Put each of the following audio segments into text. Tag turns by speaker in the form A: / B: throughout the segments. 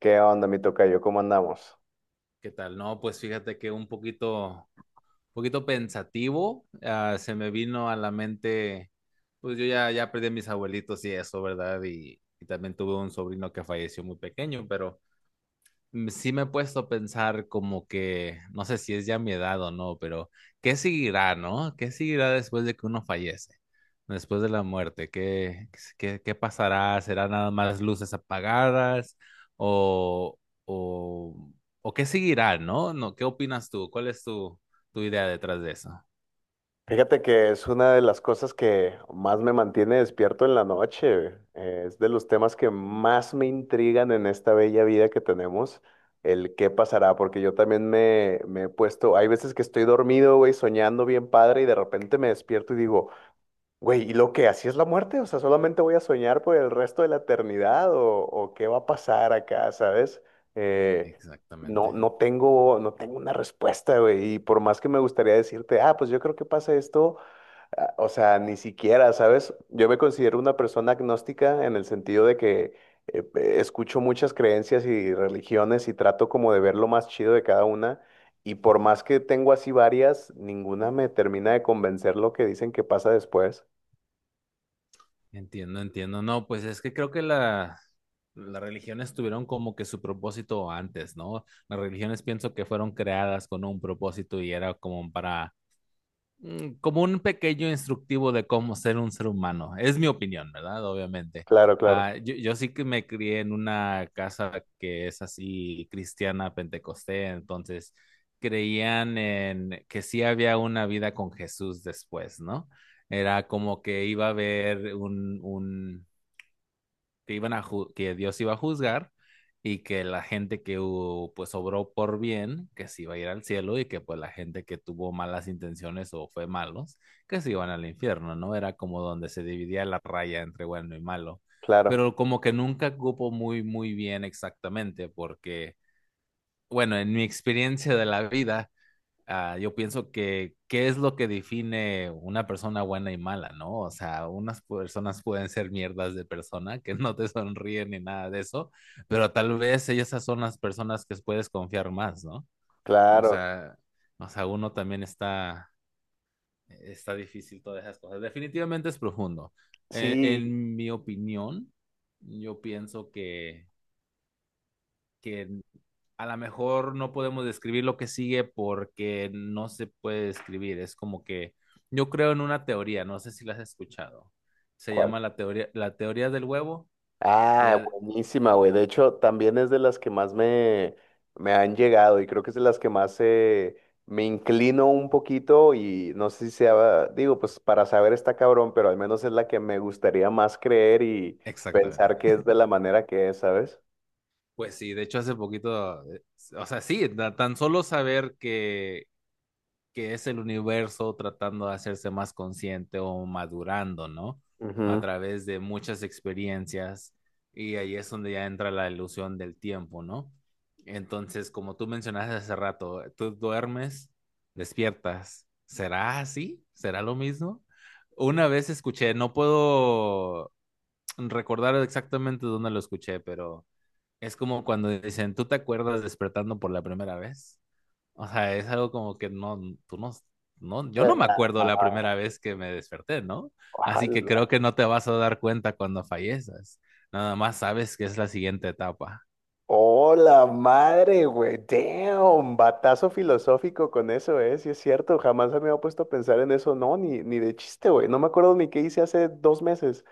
A: ¿Qué onda, mi tocayo? ¿Cómo andamos?
B: ¿Qué tal? No, pues fíjate que un poquito pensativo, se me vino a la mente, pues yo ya perdí a mis abuelitos y eso, ¿verdad? Y también tuve un sobrino que falleció muy pequeño, pero sí me he puesto a pensar como que, no sé si es ya mi edad o no, pero ¿qué seguirá, no? ¿Qué seguirá después de que uno fallece? Después de la muerte, ¿qué pasará? ¿Será nada más luces apagadas? ¿O, o, o qué seguirá, no? No, ¿qué opinas tú? ¿Cuál es tu idea detrás de eso?
A: Fíjate que es una de las cosas que más me mantiene despierto en la noche. Es de los temas que más me intrigan en esta bella vida que tenemos, el qué pasará, porque yo también me he puesto, hay veces que estoy dormido, güey, soñando bien padre y de repente me despierto y digo, güey, ¿y lo que así es la muerte? O sea, solamente voy a soñar por el resto de la eternidad o qué va a pasar acá, ¿sabes? Eh,
B: Exactamente.
A: no tengo una respuesta, güey. Y por más que me gustaría decirte, ah, pues yo creo que pasa esto, o sea, ni siquiera, ¿sabes? Yo me considero una persona agnóstica en el sentido de que escucho muchas creencias y religiones y trato como de ver lo más chido de cada una. Y por más que tengo así varias, ninguna me termina de convencer lo que dicen que pasa después.
B: Entiendo, entiendo. No, pues es que creo que las religiones tuvieron como que su propósito antes, ¿no? Las religiones pienso que fueron creadas con un propósito y era como para, como un pequeño instructivo de cómo ser un ser humano. Es mi opinión, ¿verdad? Obviamente.
A: Claro, claro,
B: Yo sí que me crié en una casa que es así cristiana, pentecostés, entonces creían en que sí había una vida con Jesús después, ¿no? Era como que iba a haber que, que Dios iba a juzgar y que la gente que hubo, pues obró por bien, que se iba a ir al cielo y que pues la gente que tuvo malas intenciones o fue malos, que se iban al infierno, ¿no? Era como donde se dividía la raya entre bueno y malo.
A: claro,
B: Pero como que nunca cupo muy bien exactamente, porque, bueno, en mi experiencia de la vida, yo pienso que qué es lo que define una persona buena y mala, ¿no? O sea, unas personas pueden ser mierdas de persona que no te sonríen ni nada de eso, pero tal vez esas son las personas que puedes confiar más, ¿no? O
A: claro.
B: sea, uno también está, está difícil todas esas cosas. Definitivamente es profundo.
A: Sí.
B: En mi opinión, yo pienso que a lo mejor no podemos describir lo que sigue porque no se puede describir. Es como que yo creo en una teoría, no sé si la has escuchado. Se
A: ¿Cuál?
B: llama la teoría del huevo.
A: Ah,
B: Ella-
A: buenísima, güey. De hecho, también es de las que más me han llegado y creo que es de las que más me inclino un poquito y no sé si sea, digo, pues para saber está cabrón, pero al menos es la que me gustaría más creer y
B: Exactamente.
A: pensar que es de la manera que es, ¿sabes?
B: Pues sí, de hecho hace poquito, o sea, sí, tan solo saber que es el universo tratando de hacerse más consciente o madurando, ¿no? A
A: Ujú.
B: través de muchas experiencias, y ahí es donde ya entra la ilusión del tiempo, ¿no? Entonces, como tú mencionaste hace rato, tú duermes, despiertas. ¿Será así? ¿Será lo mismo? Una vez escuché, no puedo recordar exactamente dónde lo escuché, pero es como cuando dicen, ¿tú te acuerdas despertando por la primera vez? O sea, es algo como que no, tú no, no, yo no me
A: Eh,
B: acuerdo la primera vez que me desperté, ¿no? Así que creo
A: ojalá.
B: que no te vas a dar cuenta cuando fallezas. Nada más sabes que es la siguiente etapa.
A: Hola, madre, güey. Damn, batazo filosófico con eso, ¿eh? Sí es cierto, jamás me había puesto a pensar en eso, no, ni de chiste, güey. No me acuerdo ni qué hice hace dos meses.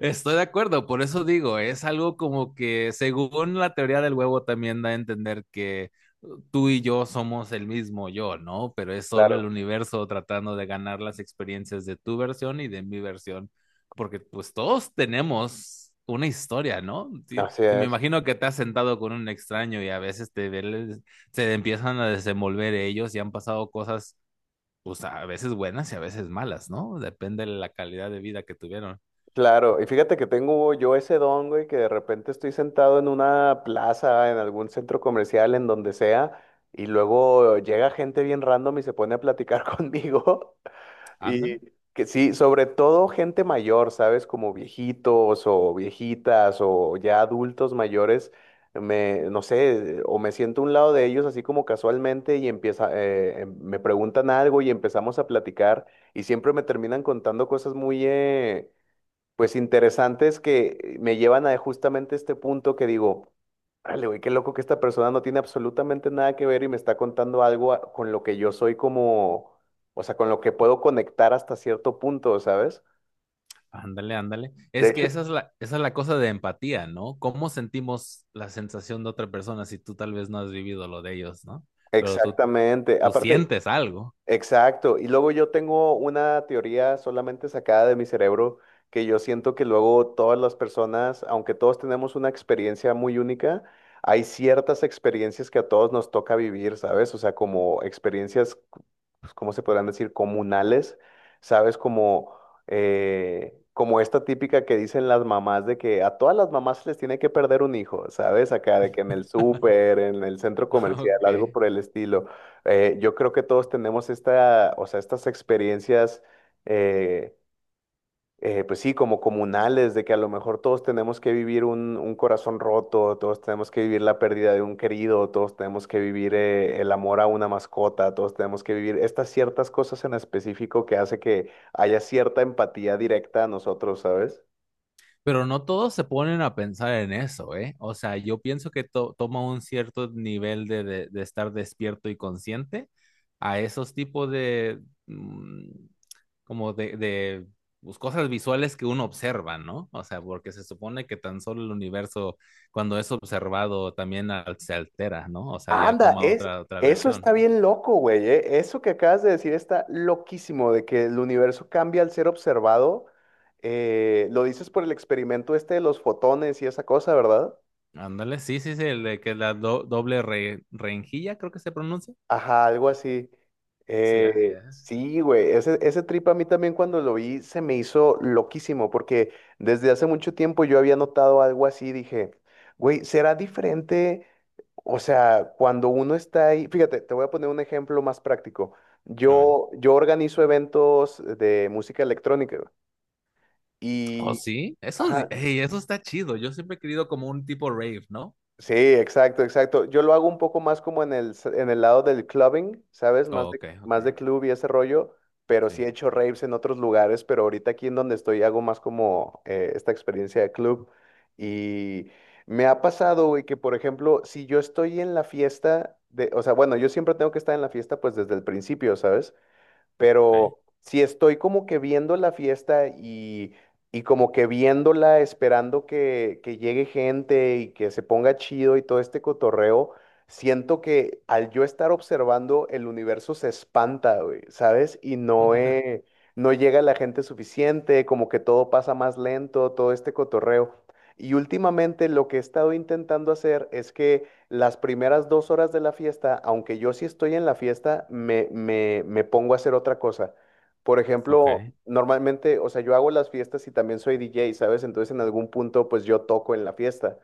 B: Estoy de acuerdo, por eso digo, es algo como que según la teoría del huevo también da a entender que tú y yo somos el mismo yo, ¿no? Pero es solo el
A: Claro,
B: universo tratando de ganar las experiencias de tu versión y de mi versión, porque pues todos tenemos una historia, ¿no? Si,
A: así
B: si me
A: es.
B: imagino que te has sentado con un extraño y a veces se empiezan a desenvolver ellos y han pasado cosas, pues a veces buenas y a veces malas, ¿no? Depende de la calidad de vida que tuvieron.
A: Claro, y fíjate que tengo yo ese don, güey, que de repente estoy sentado en una plaza, en algún centro comercial, en donde sea, y luego llega gente bien random y se pone a platicar conmigo.
B: Ándale.
A: Y que sí, sobre todo gente mayor, ¿sabes? Como viejitos o viejitas o ya adultos mayores, me, no sé, o me siento a un lado de ellos así como casualmente y empieza, me preguntan algo y empezamos a platicar y siempre me terminan contando cosas muy, pues interesantes que me llevan a justamente este punto que digo, órale, güey, qué loco que esta persona no tiene absolutamente nada que ver y me está contando algo con lo que yo soy como, o sea, con lo que puedo conectar hasta cierto punto, ¿sabes?
B: Ándale, ándale.
A: De
B: Es que
A: hecho,
B: esa es la cosa de empatía, ¿no? ¿Cómo sentimos la sensación de otra persona si tú tal vez no has vivido lo de ellos, ¿no? Pero tú,
A: exactamente. Ok.
B: tú
A: Aparte,
B: sientes algo.
A: exacto. Y luego yo tengo una teoría solamente sacada de mi cerebro que yo siento que luego todas las personas, aunque todos tenemos una experiencia muy única, hay ciertas experiencias que a todos nos toca vivir, ¿sabes? O sea, como experiencias pues, ¿cómo se podrán decir? Comunales, ¿sabes? Como, como esta típica que dicen las mamás de que a todas las mamás se les tiene que perder un hijo, ¿sabes? Acá de que en el súper, en el centro comercial, algo
B: Ok.
A: por el estilo. Yo creo que todos tenemos esta, o sea, estas experiencias. eh, pues sí, como comunales, de que a lo mejor todos tenemos que vivir un corazón roto, todos tenemos que vivir la pérdida de un querido, todos tenemos que vivir el amor a una mascota, todos tenemos que vivir estas ciertas cosas en específico que hace que haya cierta empatía directa a nosotros, ¿sabes?
B: Pero no todos se ponen a pensar en eso, ¿eh? O sea, yo pienso que toma un cierto nivel de, de estar despierto y consciente a esos tipos de, mm, como de pues, cosas visuales que uno observa, ¿no? O sea, porque se supone que tan solo el universo, cuando es observado, también se altera, ¿no? O sea, ya
A: Anda, Am-
B: toma
A: es,
B: otra
A: eso
B: versión.
A: está bien loco, güey, eso que acabas de decir está loquísimo, de que el universo cambia al ser observado. Lo dices por el experimento este de los fotones y esa cosa, ¿verdad?
B: Ándale, sí, sí, sí, el de que la doble rejilla, creo que se pronuncia.
A: Ajá, algo así.
B: Sí, así es.
A: Sí, güey, ese trip a mí también cuando lo vi se me hizo loquísimo, porque desde hace mucho tiempo yo había notado algo así, dije, güey, será diferente, o sea, cuando uno está ahí, fíjate, te voy a poner un ejemplo más práctico.
B: A ver.
A: Yo organizo eventos de música electrónica güey,
B: Oh,
A: y,
B: sí, eso,
A: ajá,
B: ey, eso está chido. Yo siempre he querido como un tipo rave, ¿no?
A: sí, exacto, exacto. Yo lo hago un poco más como en en el lado del clubbing, ¿sabes?
B: Oh, ok, ok,
A: Más de club y ese rollo, pero
B: sí,
A: sí he hecho raves en otros lugares, pero ahorita aquí en donde estoy hago más como esta experiencia de club. Y me ha pasado, güey, que por ejemplo, si yo estoy en la fiesta de, o sea, bueno, yo siempre tengo que estar en la fiesta pues desde el principio, ¿sabes?
B: ok.
A: Pero si estoy como que viendo la fiesta y como que viéndola, esperando que llegue gente y que se ponga chido y todo este cotorreo, siento que al yo estar observando, el universo se espanta, güey, ¿sabes? Y no, no llega la gente suficiente, como que todo pasa más lento, todo este cotorreo. Y últimamente lo que he estado intentando hacer es que las primeras dos horas de la fiesta, aunque yo sí estoy en la fiesta, me pongo a hacer otra cosa. Por
B: Ok,
A: ejemplo, normalmente, o sea, yo hago las fiestas y también soy DJ, ¿sabes? Entonces en algún punto, pues yo toco en la fiesta.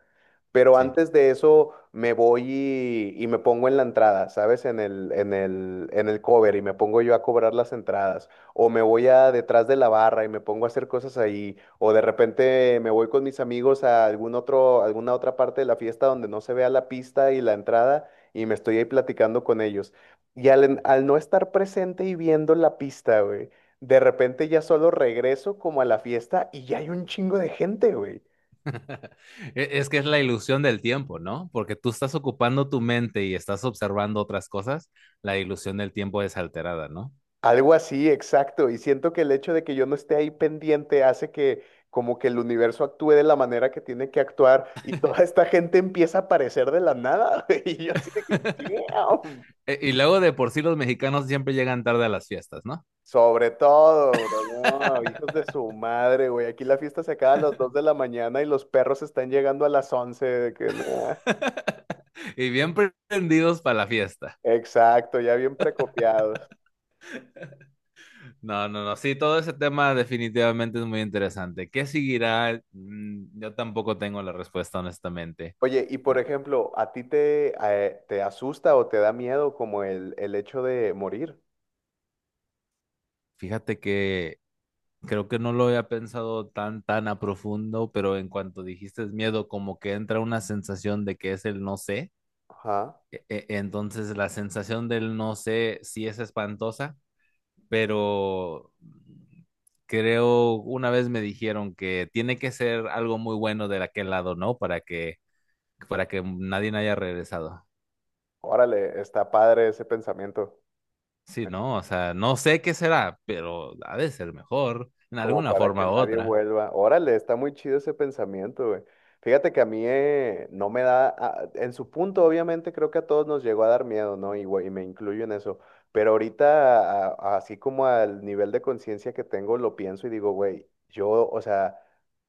A: Pero
B: sí.
A: antes de eso me voy y me pongo en la entrada, ¿sabes? En en el cover y me pongo yo a cobrar las entradas o me voy a detrás de la barra y me pongo a hacer cosas ahí, o de repente me voy con mis amigos a algún otro, alguna otra parte de la fiesta donde no se vea la pista y la entrada y me estoy ahí platicando con ellos. Y al no estar presente y viendo la pista, güey, de repente ya solo regreso como a la fiesta y ya hay un chingo de gente, güey.
B: Es que es la ilusión del tiempo, ¿no? Porque tú estás ocupando tu mente y estás observando otras cosas, la ilusión del tiempo es alterada, ¿no?
A: Algo así, exacto. Y siento que el hecho de que yo no esté ahí pendiente hace que como que el universo actúe de la manera que tiene que actuar y toda esta gente empieza a aparecer de la nada. Güey, y yo así de que, "Damn".
B: Y luego de por sí los mexicanos siempre llegan tarde a las fiestas, ¿no?
A: Sobre todo, bro, no, hijos de su madre, güey. Aquí la fiesta se acaba a las 2 de la mañana y los perros están llegando a las 11 de que, "Nah".
B: Y bien prendidos para la fiesta.
A: Exacto, ya bien precopiados.
B: No, no, no, sí, todo ese tema definitivamente es muy interesante. ¿Qué seguirá? Yo tampoco tengo la respuesta, honestamente.
A: Oye, y por
B: Ah,
A: ejemplo, ¿a ti te asusta o te da miedo como el hecho de morir?
B: Fíjate que creo que no lo había pensado tan a profundo, pero en cuanto dijiste miedo, como que entra una sensación de que es el no sé.
A: Ajá.
B: Entonces la sensación del no sé sí es espantosa, pero creo una vez me dijeron que tiene que ser algo muy bueno de aquel lado, ¿no? Para que nadie haya regresado.
A: Órale, está padre ese pensamiento.
B: Sí, ¿no? O sea, no sé qué será, pero ha de ser mejor en
A: Como
B: alguna
A: para que
B: forma u
A: nadie
B: otra.
A: vuelva. Órale, está muy chido ese pensamiento, güey. Fíjate que a mí no me da, en su punto obviamente creo que a todos nos llegó a dar miedo, ¿no? Y, güey, y me incluyo en eso. Pero ahorita, así como al nivel de conciencia que tengo, lo pienso y digo, güey, yo, o sea,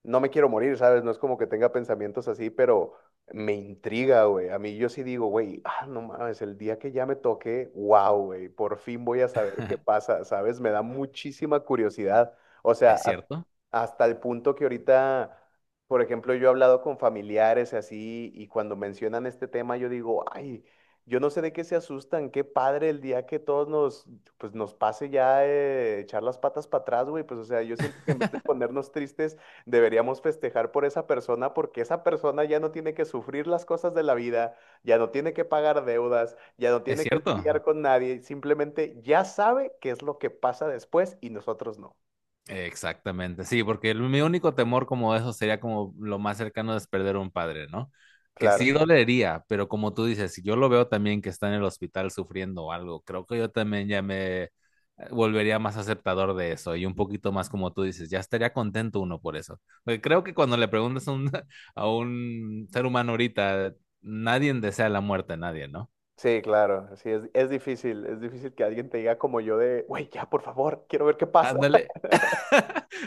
A: no me quiero morir, ¿sabes? No es como que tenga pensamientos así, pero me intriga, güey. A mí yo sí digo, güey, ah, no mames, el día que ya me toque, wow, güey, por fin voy a saber qué pasa, ¿sabes? Me da muchísima curiosidad. O sea,
B: ¿Es cierto?
A: hasta el punto que ahorita, por ejemplo, yo he hablado con familiares y así, y cuando mencionan este tema, yo digo, ay, yo no sé de qué se asustan, qué padre el día que todos nos, pues nos pase ya echar las patas para atrás, güey. Pues, o sea, yo siento que en vez de ponernos tristes, deberíamos festejar por esa persona, porque esa persona ya no tiene que sufrir las cosas de la vida, ya no tiene que pagar deudas, ya no
B: ¿Es
A: tiene que
B: cierto?
A: lidiar con nadie, simplemente ya sabe qué es lo que pasa después y nosotros no.
B: Exactamente, sí, porque mi único temor como eso sería como lo más cercano es perder un padre, ¿no? Que
A: Claro,
B: sí dolería, pero como tú dices, si yo lo veo también que está en el hospital sufriendo o algo, creo que yo también ya me volvería más aceptador de eso y un poquito más como tú dices, ya estaría contento uno por eso. Porque creo que cuando le preguntas a un, a un ser humano ahorita, nadie desea la muerte, a nadie, ¿no?
A: sí, claro, sí, es difícil que alguien te diga como yo de, güey, ya, por favor, quiero ver qué pasa.
B: Ándale,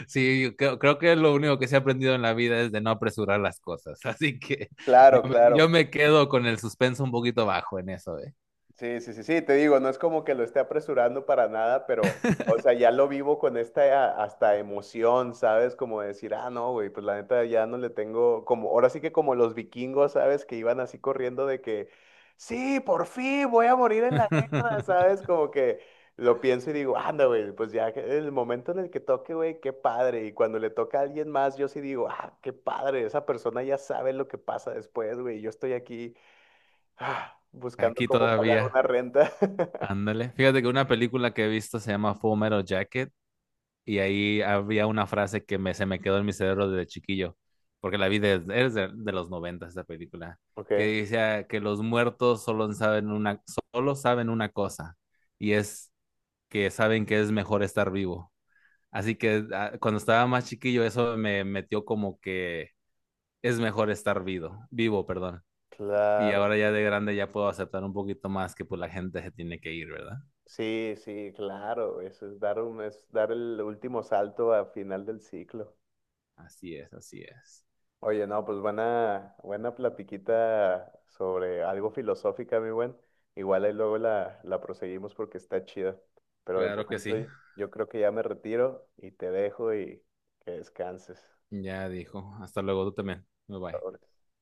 B: sí, yo creo que lo único que se ha aprendido en la vida es de no apresurar las cosas. Así que
A: Claro, claro,
B: yo me quedo con el suspenso un poquito bajo en eso, ¿eh?
A: sí, sí, sí, sí, te digo, no es como que lo esté apresurando para nada, pero, o sea, ya lo vivo con esta hasta emoción, ¿sabes? Como decir, ah, no, güey, pues la neta ya no le tengo, como, ahora sí que como los vikingos, ¿sabes? Que iban así corriendo de que, sí, por fin voy a morir en la guerra, ¿sabes? Como que lo pienso y digo, anda, güey, el momento en el que toque, güey, qué padre. Y cuando le toca a alguien más, yo sí digo, ah, qué padre, esa persona ya sabe lo que pasa después, güey, yo estoy aquí ah, buscando
B: Aquí
A: cómo pagar
B: todavía.
A: una renta.
B: Ándale. Fíjate que una película que he visto se llama Full Metal Jacket y ahí había una frase que se me quedó en mi cerebro desde chiquillo, porque la vi desde, es de los 90 esta película,
A: Ok,
B: que decía que los muertos solo saben una cosa y es que saben que es mejor estar vivo. Así que cuando estaba más chiquillo, eso me metió como que es mejor estar vivo, perdón. Y
A: claro.
B: ahora ya de grande ya puedo aceptar un poquito más que pues la gente se tiene que ir, ¿verdad?
A: Sí, sí, claro. Eso es dar un, es dar el último salto al final del ciclo.
B: Así es, así es.
A: Oye, no, pues buena, buena platiquita sobre algo filosófica, mi buen. Igual ahí luego la proseguimos porque está chida. Pero de
B: Claro que
A: momento
B: sí.
A: yo creo que ya me retiro y te dejo y que descanses.
B: Ya dijo. Hasta luego, tú también. Bye bye.
A: Sobres.